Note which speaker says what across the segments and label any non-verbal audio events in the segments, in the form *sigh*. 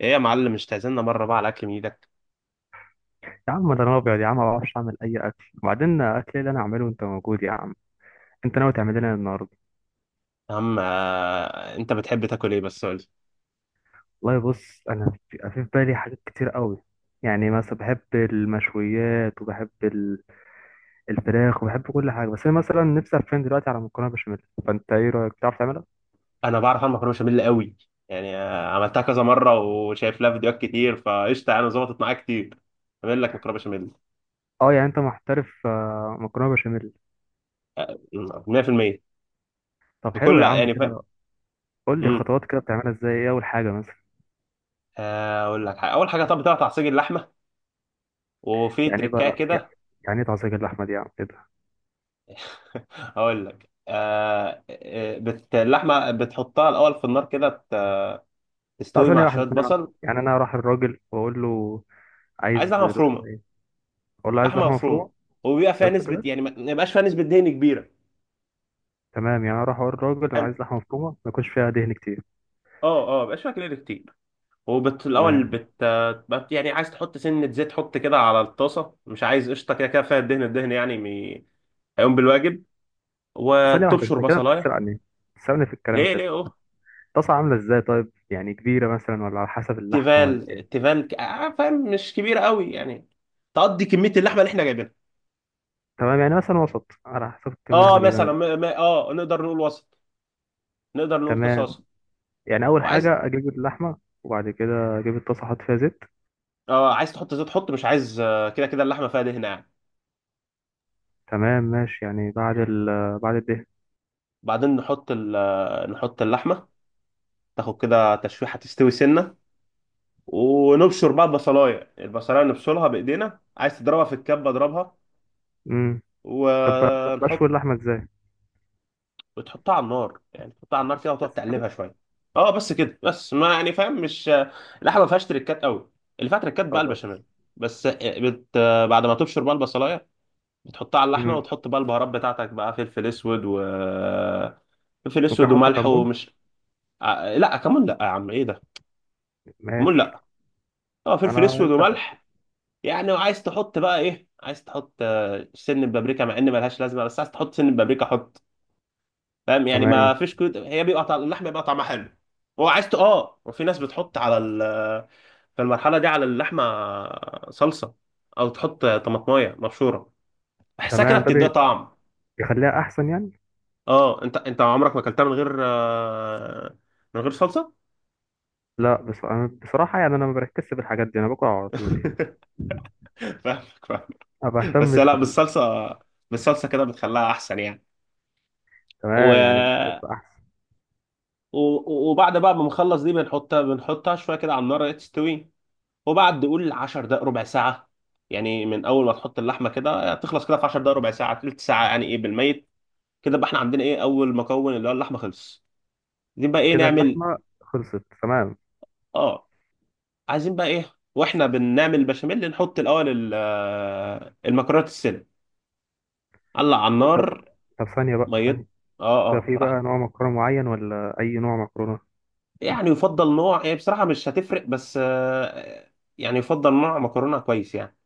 Speaker 1: ايه يا معلم، مش تعزمنا مره بقى على اكل من ايدك؟
Speaker 2: يا عم، ده انا ابيض يا عم، ما بعرفش اعمل اي اكل. وبعدين اكل إيه اللي انا اعمله وانت موجود يا عم؟ انت ناوي تعمل لنا النهارده؟
Speaker 1: يا عم انت بتحب تاكل ايه؟ بس قول لي.
Speaker 2: والله بص، انا في بالي حاجات كتير قوي. يعني مثلا بحب المشويات وبحب الفراخ وبحب كل حاجه، بس انا مثلا نفسي افهم دلوقتي على مكرونه بشاميل. فانت ايه رايك، بتعرف تعملها؟
Speaker 1: انا بعرف اعمل مكرونه بشاميل قوي. يعني عملتها كذا مره وشايف لها فيديوهات كتير، فقشطه انا ظبطت معايا كتير. اعمل لك مكرونه بشاميل.
Speaker 2: اه يعني انت محترف مكرونه بشاميل.
Speaker 1: 100%.
Speaker 2: طب حلو
Speaker 1: بكل
Speaker 2: يا عم
Speaker 1: يعني فاهم.
Speaker 2: كده. قول لي
Speaker 1: امم
Speaker 2: خطوات كده بتعملها ازاي، ايه اول حاجه مثلا؟
Speaker 1: اقول لك حاجه. اول حاجه، طب بتقطع تعصيج اللحمه، وفي
Speaker 2: يعني ايه بقى،
Speaker 1: تركايه
Speaker 2: لا،
Speaker 1: كده.
Speaker 2: يعني ايه تعصيك اللحمه دي يا عم؟
Speaker 1: *laughs* اقول لك. اللحمه بتحطها الاول في النار كده
Speaker 2: لا،
Speaker 1: تستوي
Speaker 2: ثانية
Speaker 1: مع شويه
Speaker 2: واحدة، ثانية واحدة،
Speaker 1: بصل.
Speaker 2: يعني أنا أروح الراجل وأقول له عايز
Speaker 1: عايز لحمه مفرومه.
Speaker 2: لحمة إيه؟ أقول له عايز
Speaker 1: لحمه
Speaker 2: لحمة
Speaker 1: مفرومه،
Speaker 2: مفرومة.
Speaker 1: وبيبقى فيها
Speaker 2: بس
Speaker 1: نسبه،
Speaker 2: كده؟
Speaker 1: يعني ما يبقاش فيها نسبه دهن كبيره.
Speaker 2: تمام، يعني أروح أقول للراجل أنا
Speaker 1: حلو.
Speaker 2: عايز لحمة مفرومة ما يكونش فيها دهن كتير.
Speaker 1: اه اه، ما يبقاش فيها كلور كتير. الاول،
Speaker 2: تمام.
Speaker 1: بت... بت يعني عايز تحط سنه زيت. حط كده على الطاسه، مش عايز قشطه. كده كده فيها الدهن، يعني هيقوم بالواجب.
Speaker 2: ثانية واحدة،
Speaker 1: وتبشر
Speaker 2: أنت كده
Speaker 1: بصلايه.
Speaker 2: بتسرقني، بتسرقني في الكلام
Speaker 1: ليه
Speaker 2: كده.
Speaker 1: ليه، اوه.
Speaker 2: الطاسة عاملة إزاي طيب، يعني كبيرة مثلا ولا على حسب اللحمة ولا
Speaker 1: تيفال،
Speaker 2: إيه؟
Speaker 1: تيفال، فاهم، مش كبيره قوي، يعني تقضي كميه اللحمه اللي احنا جايبينها.
Speaker 2: تمام، يعني مثلا وسط على حسب الكمية اللي
Speaker 1: اه
Speaker 2: إحنا جايبينها
Speaker 1: مثلا، ما...
Speaker 2: دلوقتي.
Speaker 1: ما... اه نقدر نقول وسط. نقدر نقول
Speaker 2: تمام،
Speaker 1: تصاصه.
Speaker 2: يعني أول
Speaker 1: وعايز،
Speaker 2: حاجة أجيب اللحمة وبعد كده أجيب الطاسة أحط فيها زيت.
Speaker 1: اه عايز تحط زيت. حط، مش عايز، كده كده اللحمه فيها دهن يعني.
Speaker 2: تمام ماشي، يعني بعد الدهن.
Speaker 1: بعدين نحط نحط اللحمه. تاخد كده تشويحه، تستوي سنه. ونبشر بقى البصلايه. البصلايه نبشرها بايدينا، عايز تضربها في الكبه اضربها
Speaker 2: امم طب،
Speaker 1: ونحط.
Speaker 2: بشوي اللحمة إزاي؟
Speaker 1: وتحطها على النار، يعني تحطها على النار كده وتقعد
Speaker 2: بس كده؟
Speaker 1: تقلبها شويه. اه بس كده. بس ما، يعني فاهم، مش اللحمه ما فيهاش تريكات قوي، اللي فيها تريكات بقى البشاميل.
Speaker 2: خلاص.
Speaker 1: بس بت... بعد ما تبشر بقى البصلايه، بتحطها على اللحمه
Speaker 2: مم.
Speaker 1: وتحط بقى البهارات بتاعتك، بقى فلفل اسود. و فلفل
Speaker 2: ممكن
Speaker 1: اسود
Speaker 2: احط
Speaker 1: وملح،
Speaker 2: كمون؟
Speaker 1: ومش لا، كمون لا يا عم، ايه ده؟ كمون
Speaker 2: ماشي.
Speaker 1: لا. اه،
Speaker 2: ما
Speaker 1: فلفل
Speaker 2: انا
Speaker 1: اسود
Speaker 2: انت.
Speaker 1: وملح. يعني وعايز تحط بقى ايه، عايز تحط سن بابريكا، مع ان ملهاش لازمه، بس عايز تحط سن بابريكا حط. فاهم؟ يعني ما
Speaker 2: تمام.
Speaker 1: فيش كود، هي بيبقى طعم اللحمه بيبقى طعمها حلو. وعايز اه، وفي ناس بتحط على في المرحله دي على اللحمه صلصه، او تحط طماطمايه مبشوره. بحسها كده
Speaker 2: تمام، ده
Speaker 1: بتديها طعم.
Speaker 2: بيخليها احسن يعني.
Speaker 1: اه، انت عمرك ما اكلتها من غير من غير صلصه؟
Speaker 2: لا بص، أنا بصراحه يعني انا ما بركزش بالحاجات دي، انا باكل على طول يعني.
Speaker 1: *laughs* فاهمك فاهم.
Speaker 2: ما
Speaker 1: بس
Speaker 2: بهتمش
Speaker 1: لا،
Speaker 2: بال.
Speaker 1: بالصلصه، بالصلصه كده بتخليها احسن يعني.
Speaker 2: تمام يعني،
Speaker 1: و
Speaker 2: بالظبط احسن.
Speaker 1: وبعد بقى ما نخلص دي، بنحطها شويه كده على النار تستوي. وبعد قول 10 دقائق، ربع ساعه. يعني من اول ما تحط اللحمه كده تخلص كده في 10 دقائق، ربع ساعه، تلت ساعه، يعني ايه بالميت. كده بقى احنا عندنا ايه؟ اول مكون، اللي هو اللحمه، خلص. عايزين بقى ايه
Speaker 2: كده
Speaker 1: نعمل؟
Speaker 2: اللحمه خلصت؟ تمام.
Speaker 1: اه. عايزين بقى ايه؟ واحنا بنعمل البشاميل، نحط الاول المكرونه السلق. قلع على
Speaker 2: إيه، طب.
Speaker 1: النار.
Speaker 2: طب ثانيه بقى، ثانيه.
Speaker 1: ميت. اه
Speaker 2: ده
Speaker 1: اه،
Speaker 2: في بقى
Speaker 1: براحتك.
Speaker 2: نوع مكرونه معين ولا اي نوع مكرونه؟
Speaker 1: يعني يفضل نوع، هي بصراحه مش هتفرق، بس يعني يفضل نوع مكرونه كويس يعني.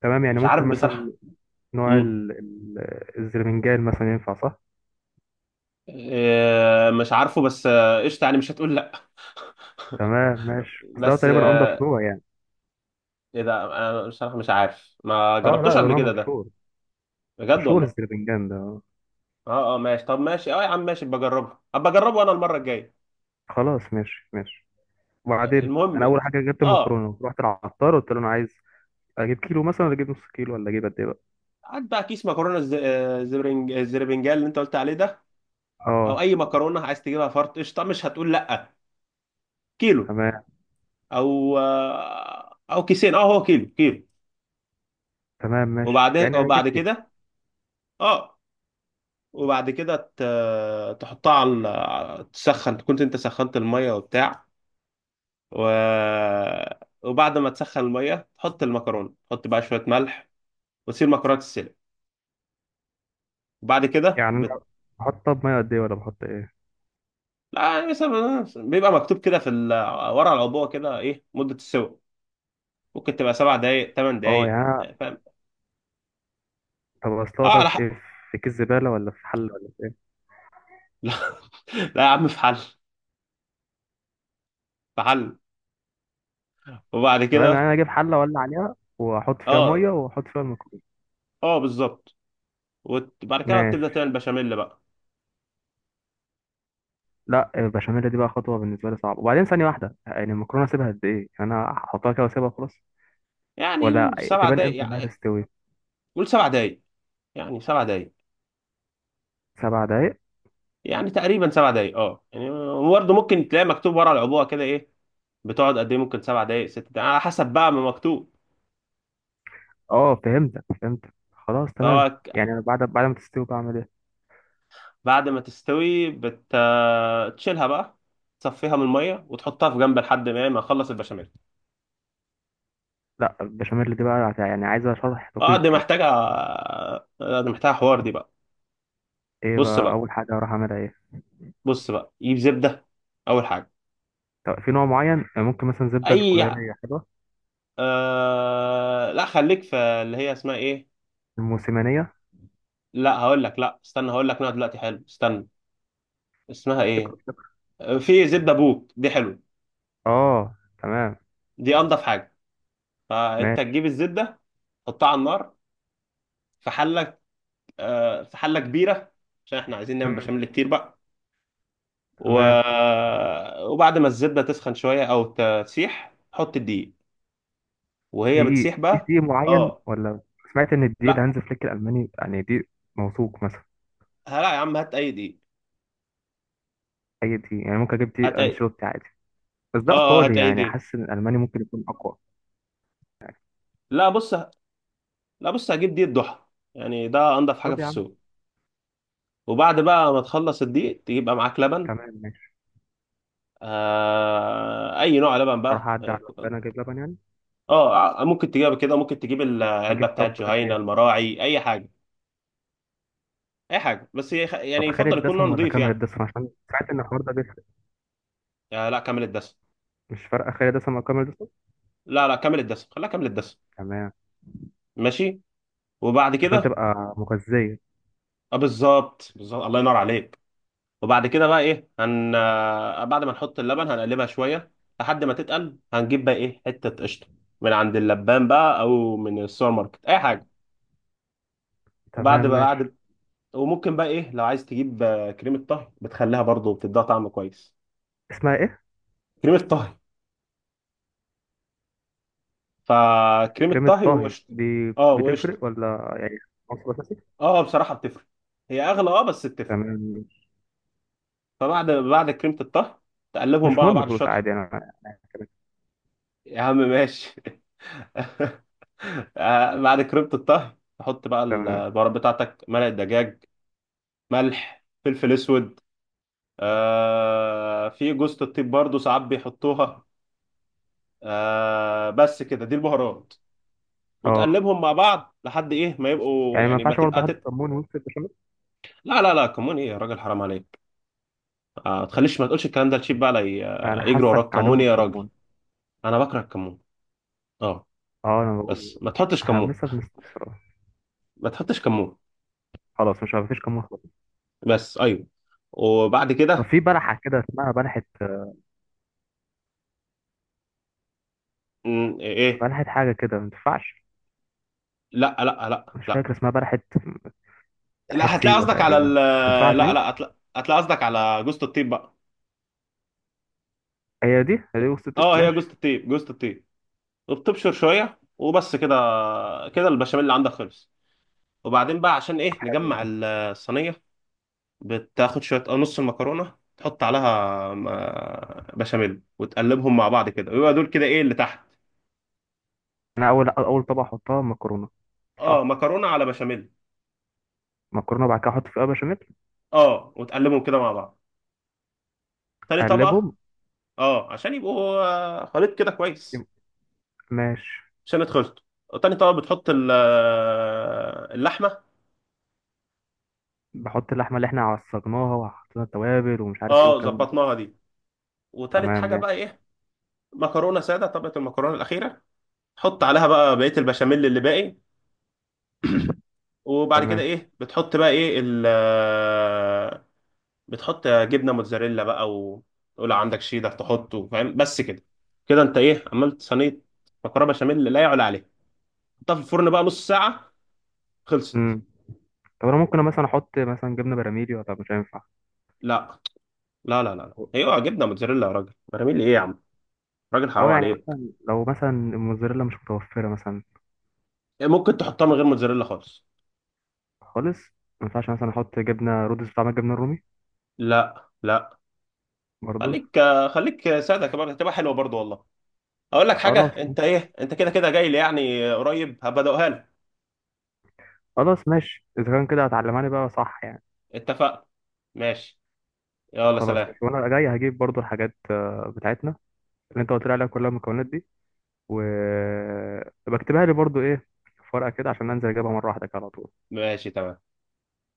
Speaker 2: تمام، يعني
Speaker 1: مش عارف
Speaker 2: ممكن مثلا
Speaker 1: بصراحه.
Speaker 2: نوع
Speaker 1: امم
Speaker 2: الزرمنجان مثلا ينفع صح؟
Speaker 1: إيه مش عارفه، بس قشطه يعني مش هتقول لا.
Speaker 2: تمام ماشي، بس ده
Speaker 1: بس
Speaker 2: تقريبا انضف نوع يعني.
Speaker 1: ايه ده، انا بصراحه مش عارف، ما
Speaker 2: اه
Speaker 1: جربتوش
Speaker 2: لا، ده
Speaker 1: قبل
Speaker 2: نوع
Speaker 1: كده ده.
Speaker 2: مشهور.
Speaker 1: بجد
Speaker 2: مشهور
Speaker 1: والله.
Speaker 2: الزربنجان ده.
Speaker 1: اه اه ماشي، طب ماشي، اه يا عم ماشي، بجربه، ابقى اجربه انا المره الجايه.
Speaker 2: خلاص ماشي ماشي. وبعدين انا
Speaker 1: المهم،
Speaker 2: اول حاجه جبت
Speaker 1: اه.
Speaker 2: المكرونه، رحت العطار قلت له انا عايز اجيب كيلو مثلا ولا اجيب نص كيلو ولا اجيب قد ايه بقى؟
Speaker 1: هات بقى كيس مكرونه، زبرنج، الزربنجال اللي انت قلت عليه ده، او
Speaker 2: اه.
Speaker 1: اي مكرونه عايز تجيبها، فرط، قشطه مش هتقول لا. كيلو.
Speaker 2: تمام.
Speaker 1: او كيسين. اه هو كيلو كيلو.
Speaker 2: تمام ماشي،
Speaker 1: وبعد
Speaker 2: يعني هجيب
Speaker 1: وبعد
Speaker 2: كيلو.
Speaker 1: كده، اه. وبعد كده تحطها على تسخن، كنت انت سخنت الميه وبتاع. و... وبعد ما تسخن الميه تحط المكرونه، تحط بقى شويه ملح، وتسيب المكرونه تتسلق. وبعد كده
Speaker 2: يعني انا بحط طب ميه قد ايه ولا بحط ايه؟
Speaker 1: لا، مثلا بيبقى مكتوب كده في ورا العبوه كده ايه مده السوق. ممكن تبقى 7 دقائق، ثمان
Speaker 2: اه
Speaker 1: دقائق
Speaker 2: يعني
Speaker 1: فاهم.
Speaker 2: طب اصلها
Speaker 1: اه
Speaker 2: بقى
Speaker 1: على
Speaker 2: في
Speaker 1: حق.
Speaker 2: ايه، في كيس زباله ولا في حله ولا في ايه؟
Speaker 1: *laughs* لا، لا يا عم، في حل. في حل. وبعد
Speaker 2: تمام، يعني
Speaker 1: كده،
Speaker 2: انا اجيب حله ولا عليها واحط فيها ميه
Speaker 1: اه
Speaker 2: واحط فيها المكرونه.
Speaker 1: اه بالظبط. وبعد كده بتبدا
Speaker 2: ماشي.
Speaker 1: تعمل بشاميل بقى.
Speaker 2: لا، البشاميل دي بقى خطوه بالنسبه لي صعبه، وبعدين ثانيه واحده، يعني المكرونه اسيبها قد ايه، يعني انا احطها كده واسيبها خلاص
Speaker 1: يعني
Speaker 2: ولا
Speaker 1: سبع
Speaker 2: تبان
Speaker 1: دقائق
Speaker 2: امتى انها
Speaker 1: يعني.
Speaker 2: تستوي؟
Speaker 1: قول 7 دقايق، يعني 7 دقايق،
Speaker 2: 7 دقايق.
Speaker 1: يعني تقريبا 7 دقايق، اه يعني. برضه ممكن تلاقي مكتوب ورا العبوه كده ايه، بتقعد قد ايه، ممكن 7 دقايق، 6 دقايق، على حسب بقى ما مكتوب.
Speaker 2: اه فهمتك فهمتك، خلاص تمام.
Speaker 1: فهو ك-
Speaker 2: يعني أنا بعد ما تستوي بعمل ايه؟
Speaker 1: بعد ما تستوي تشيلها بقى، تصفيها من الميه وتحطها في جنب لحد ما اخلص البشاميل.
Speaker 2: لا، البشاميل دي بقى يعني عايزه شرح
Speaker 1: اه
Speaker 2: دقيق
Speaker 1: دي
Speaker 2: كده.
Speaker 1: محتاجه، دي محتاجه حوار دي بقى.
Speaker 2: ايه
Speaker 1: بص
Speaker 2: بقى
Speaker 1: بقى.
Speaker 2: اول حاجه هروح اعملها ايه؟
Speaker 1: بص بقى، جيب زبده، اول حاجه.
Speaker 2: طب في نوع معين، ممكن مثلا زبده
Speaker 1: اي،
Speaker 2: الكولاريه حلوه؟
Speaker 1: لا، خليك في اللي هي اسمها ايه.
Speaker 2: الموسمانيه.
Speaker 1: لا، هقول لك، لا استنى، هقول لك نوع دلوقتي حلو. استنى، اسمها ايه؟
Speaker 2: فكرة.
Speaker 1: في زبده بوت، دي حلوه،
Speaker 2: اه تمام
Speaker 1: دي انضف حاجه. فانت تجيب
Speaker 2: ماشي.
Speaker 1: الزبده، تحطها على النار في حله، في حله كبيره، عشان احنا عايزين نعمل
Speaker 2: مم.
Speaker 1: بشاميل كتير بقى. و...
Speaker 2: تمام.
Speaker 1: وبعد ما الزبده تسخن شويه، او تسيح، حط الدقيق وهي
Speaker 2: دقيق،
Speaker 1: بتسيح
Speaker 2: في
Speaker 1: بقى.
Speaker 2: دقيق معين
Speaker 1: اه.
Speaker 2: ولا؟ سمعت ان الدقيق
Speaker 1: لا
Speaker 2: الهانز فليك الالماني يعني دقيق موثوق مثلا.
Speaker 1: لا يا عم، هات اي دقيق.
Speaker 2: اي دقيق يعني، ممكن اجيب
Speaker 1: هات
Speaker 2: دقيق
Speaker 1: اي.
Speaker 2: انشيلوتي عادي؟ بس
Speaker 1: اه،
Speaker 2: ده
Speaker 1: هات
Speaker 2: ايطالي،
Speaker 1: اي
Speaker 2: يعني
Speaker 1: دقيق.
Speaker 2: حاسس ان الالماني ممكن يكون اقوى.
Speaker 1: لا بص. لا بص، هجيب دقيق ضحى، يعني ده انضف حاجه
Speaker 2: طب
Speaker 1: في
Speaker 2: يا عم.
Speaker 1: السوق. وبعد بقى ما تخلص الدقيق، تجيب بقى معاك لبن.
Speaker 2: تمام ماشي.
Speaker 1: اي نوع لبن
Speaker 2: اروح
Speaker 1: بقى.
Speaker 2: اعدي على البنى اجيب لبن يعني.
Speaker 1: اه ممكن تجيبها كده، ممكن تجيب العلبه
Speaker 2: اجيب طب
Speaker 1: بتاعت
Speaker 2: قد
Speaker 1: جهينه،
Speaker 2: ايه؟
Speaker 1: المراعي، اي حاجه. اي حاجه، بس يعني
Speaker 2: طب
Speaker 1: يفضل
Speaker 2: خالد
Speaker 1: يكون نوع
Speaker 2: دسم ولا
Speaker 1: نضيف
Speaker 2: كامل
Speaker 1: يعني.
Speaker 2: دسم عشان سمعت ان الحوار ده بيفرق.
Speaker 1: لا، كامل الدسم.
Speaker 2: مش فارقه خالد دسم او كامل دسم؟
Speaker 1: لا لا، كامل الدسم، خليها كامل الدسم.
Speaker 2: تمام.
Speaker 1: ماشي. وبعد
Speaker 2: عشان
Speaker 1: كده،
Speaker 2: تبقى مغذيه.
Speaker 1: اه بالظبط بالظبط، الله ينور عليك. وبعد كده بقى ايه، هن آه، بعد ما نحط اللبن هنقلبها شويه لحد ما تتقل. هنجيب بقى ايه حته قشطه، من عند اللبان بقى، او من السوبر ماركت، اي حاجه. وبعد
Speaker 2: تمام
Speaker 1: بقى
Speaker 2: ماشي.
Speaker 1: بعد وممكن بقى ايه، لو عايز تجيب كريمه طهي، بتخليها برضو، بتديها طعم كويس.
Speaker 2: اسمها ايه؟
Speaker 1: كريمه طهي، فكريمة
Speaker 2: كريمه
Speaker 1: طهي
Speaker 2: طهي
Speaker 1: وقشطة.
Speaker 2: دي
Speaker 1: اه وقشطة.
Speaker 2: بتفرق ولا يعني عنصر اساسي؟
Speaker 1: اه، بصراحة بتفرق، هي أغلى، اه بس بتفرق.
Speaker 2: تمام ماشي.
Speaker 1: فبعد كريمة الطهي، تقلبهم
Speaker 2: مش
Speaker 1: بقى مع
Speaker 2: مهم
Speaker 1: بعض
Speaker 2: الفلوس
Speaker 1: شطح.
Speaker 2: عادي انا.
Speaker 1: يا عم ماشي. *laughs* بعد كريمة الطهي، تحط بقى
Speaker 2: تمام.
Speaker 1: البهارات بتاعتك، مرق دجاج، ملح، فلفل أسود. في جوزة الطيب برضو ساعات بيحطوها. بس كده دي البهارات.
Speaker 2: اه
Speaker 1: وتقلبهم مع بعض لحد ايه ما يبقوا،
Speaker 2: يعني ما
Speaker 1: يعني ما
Speaker 2: ينفعش برضه
Speaker 1: تبقى
Speaker 2: حد
Speaker 1: تبقى
Speaker 2: كمون ويمسك البشاميل؟
Speaker 1: لا لا لا، كمون ايه يا راجل؟ حرام عليك. ما تخليش، ما تقولش الكلام ده لشيب بقى، لا
Speaker 2: انا
Speaker 1: يجري
Speaker 2: حاسك
Speaker 1: وراك، كمون
Speaker 2: عدو
Speaker 1: ايه يا راجل؟
Speaker 2: الكمون.
Speaker 1: انا بكره الكمون. اه.
Speaker 2: اه انا بقول.
Speaker 1: بس ما تحطش
Speaker 2: احنا
Speaker 1: كمون.
Speaker 2: لسه بنستفسر أهو.
Speaker 1: ما تحطش كمون.
Speaker 2: خلاص مش مفيش كمون خلاص.
Speaker 1: بس ايوه. وبعد
Speaker 2: طب
Speaker 1: كده،
Speaker 2: في بلحه كده اسمها بلحه،
Speaker 1: ايه.
Speaker 2: بلحه حاجه كده ما ينفعش؟
Speaker 1: لا لا لا
Speaker 2: مش فاكر
Speaker 1: لا.
Speaker 2: اسمها بلحة، واحد
Speaker 1: لا، هتلاقي
Speaker 2: سيوة
Speaker 1: قصدك على
Speaker 2: تقريبا،
Speaker 1: ال،
Speaker 2: ما تنفعش
Speaker 1: لا
Speaker 2: دي؟
Speaker 1: لا هتلاقي قصدك على جوزة الطيب بقى.
Speaker 2: هي دي هي دي، وسط الطب
Speaker 1: اه، هي
Speaker 2: ماشي.
Speaker 1: جوزة الطيب، جوزة الطيب، وبتبشر شوية، وبس كده. كده البشاميل اللي عندك خلص. وبعدين بقى عشان ايه،
Speaker 2: حلو.
Speaker 1: نجمع الصينية. بتاخد شوية، نص المكرونة، تحط عليها بشاميل، وتقلبهم مع بعض كده، ويبقى دول كده ايه اللي تحت.
Speaker 2: انا اول طبقة احطها مكرونة؟
Speaker 1: اه
Speaker 2: صح.
Speaker 1: مكرونة على بشاميل.
Speaker 2: مكرونة بعد كده احط فيها بشاميل.
Speaker 1: اه، وتقلبهم كده مع بعض. تاني طبقة.
Speaker 2: اقلبهم.
Speaker 1: اه، عشان يبقوا خليط كده كويس.
Speaker 2: يبقى- ماشي.
Speaker 1: عشان اتخلطوا، تاني طبقة بتحط اللحمة.
Speaker 2: بحط اللحمة اللي احنا عصجناها وحطينا التوابل ومش عارف ايه
Speaker 1: اه
Speaker 2: والكلام ده كله.
Speaker 1: ظبطناها دي. وتالت
Speaker 2: تمام
Speaker 1: حاجة بقى
Speaker 2: ماشي.
Speaker 1: ايه، مكرونة سادة، طبقة المكرونة الأخيرة، تحط عليها بقى بقية البشاميل اللي باقي. *clears throat* وبعد كده
Speaker 2: تمام.
Speaker 1: ايه، بتحط بقى ايه بتحط جبنه موتزاريلا بقى، وتقول عندك شيدر تحطه فاهم. بس كده، كده انت ايه؟ عملت صينيه مكرونه بشاميل لا يعلى عليها. حطها في الفرن بقى نص ساعه، خلصت.
Speaker 2: امم. طب انا ممكن مثلا احط مثلا جبنة براميلي ولا طب مش هينفع؟
Speaker 1: لا لا لا لا لا. هي اوعى جبنه موتزاريلا يا راجل، براميل ايه يا عم؟ راجل حرام
Speaker 2: اه يعني
Speaker 1: عليك.
Speaker 2: مثلا لو مثلا الموزاريلا مش متوفرة مثلا؟
Speaker 1: يعني ممكن تحطها من غير موتزاريلا خالص.
Speaker 2: خالص. ما ينفعش مثلا احط جبنة رودس بتاع الجبنة الرومي
Speaker 1: لا لا.
Speaker 2: برضه؟
Speaker 1: خليك. خليك ساده كمان، هتبقى حلوه برضو والله. اقول لك حاجه،
Speaker 2: خلاص.
Speaker 1: انت ايه انت، كده كده جاي لي يعني قريب، هبدأها لك.
Speaker 2: خلاص ماشي، اذا كان كده هتعلمها لي بقى صح يعني.
Speaker 1: اتفقنا. ماشي. يلا
Speaker 2: خلاص
Speaker 1: سلام.
Speaker 2: ماشي، وانا جاي هجيب برضو الحاجات بتاعتنا اللي انت قلت لي عليها كلها، المكونات دي، وبكتبها لي برضو ايه في ورقة كده عشان انزل اجيبها مرة واحدة كده على طول.
Speaker 1: ماشي تمام.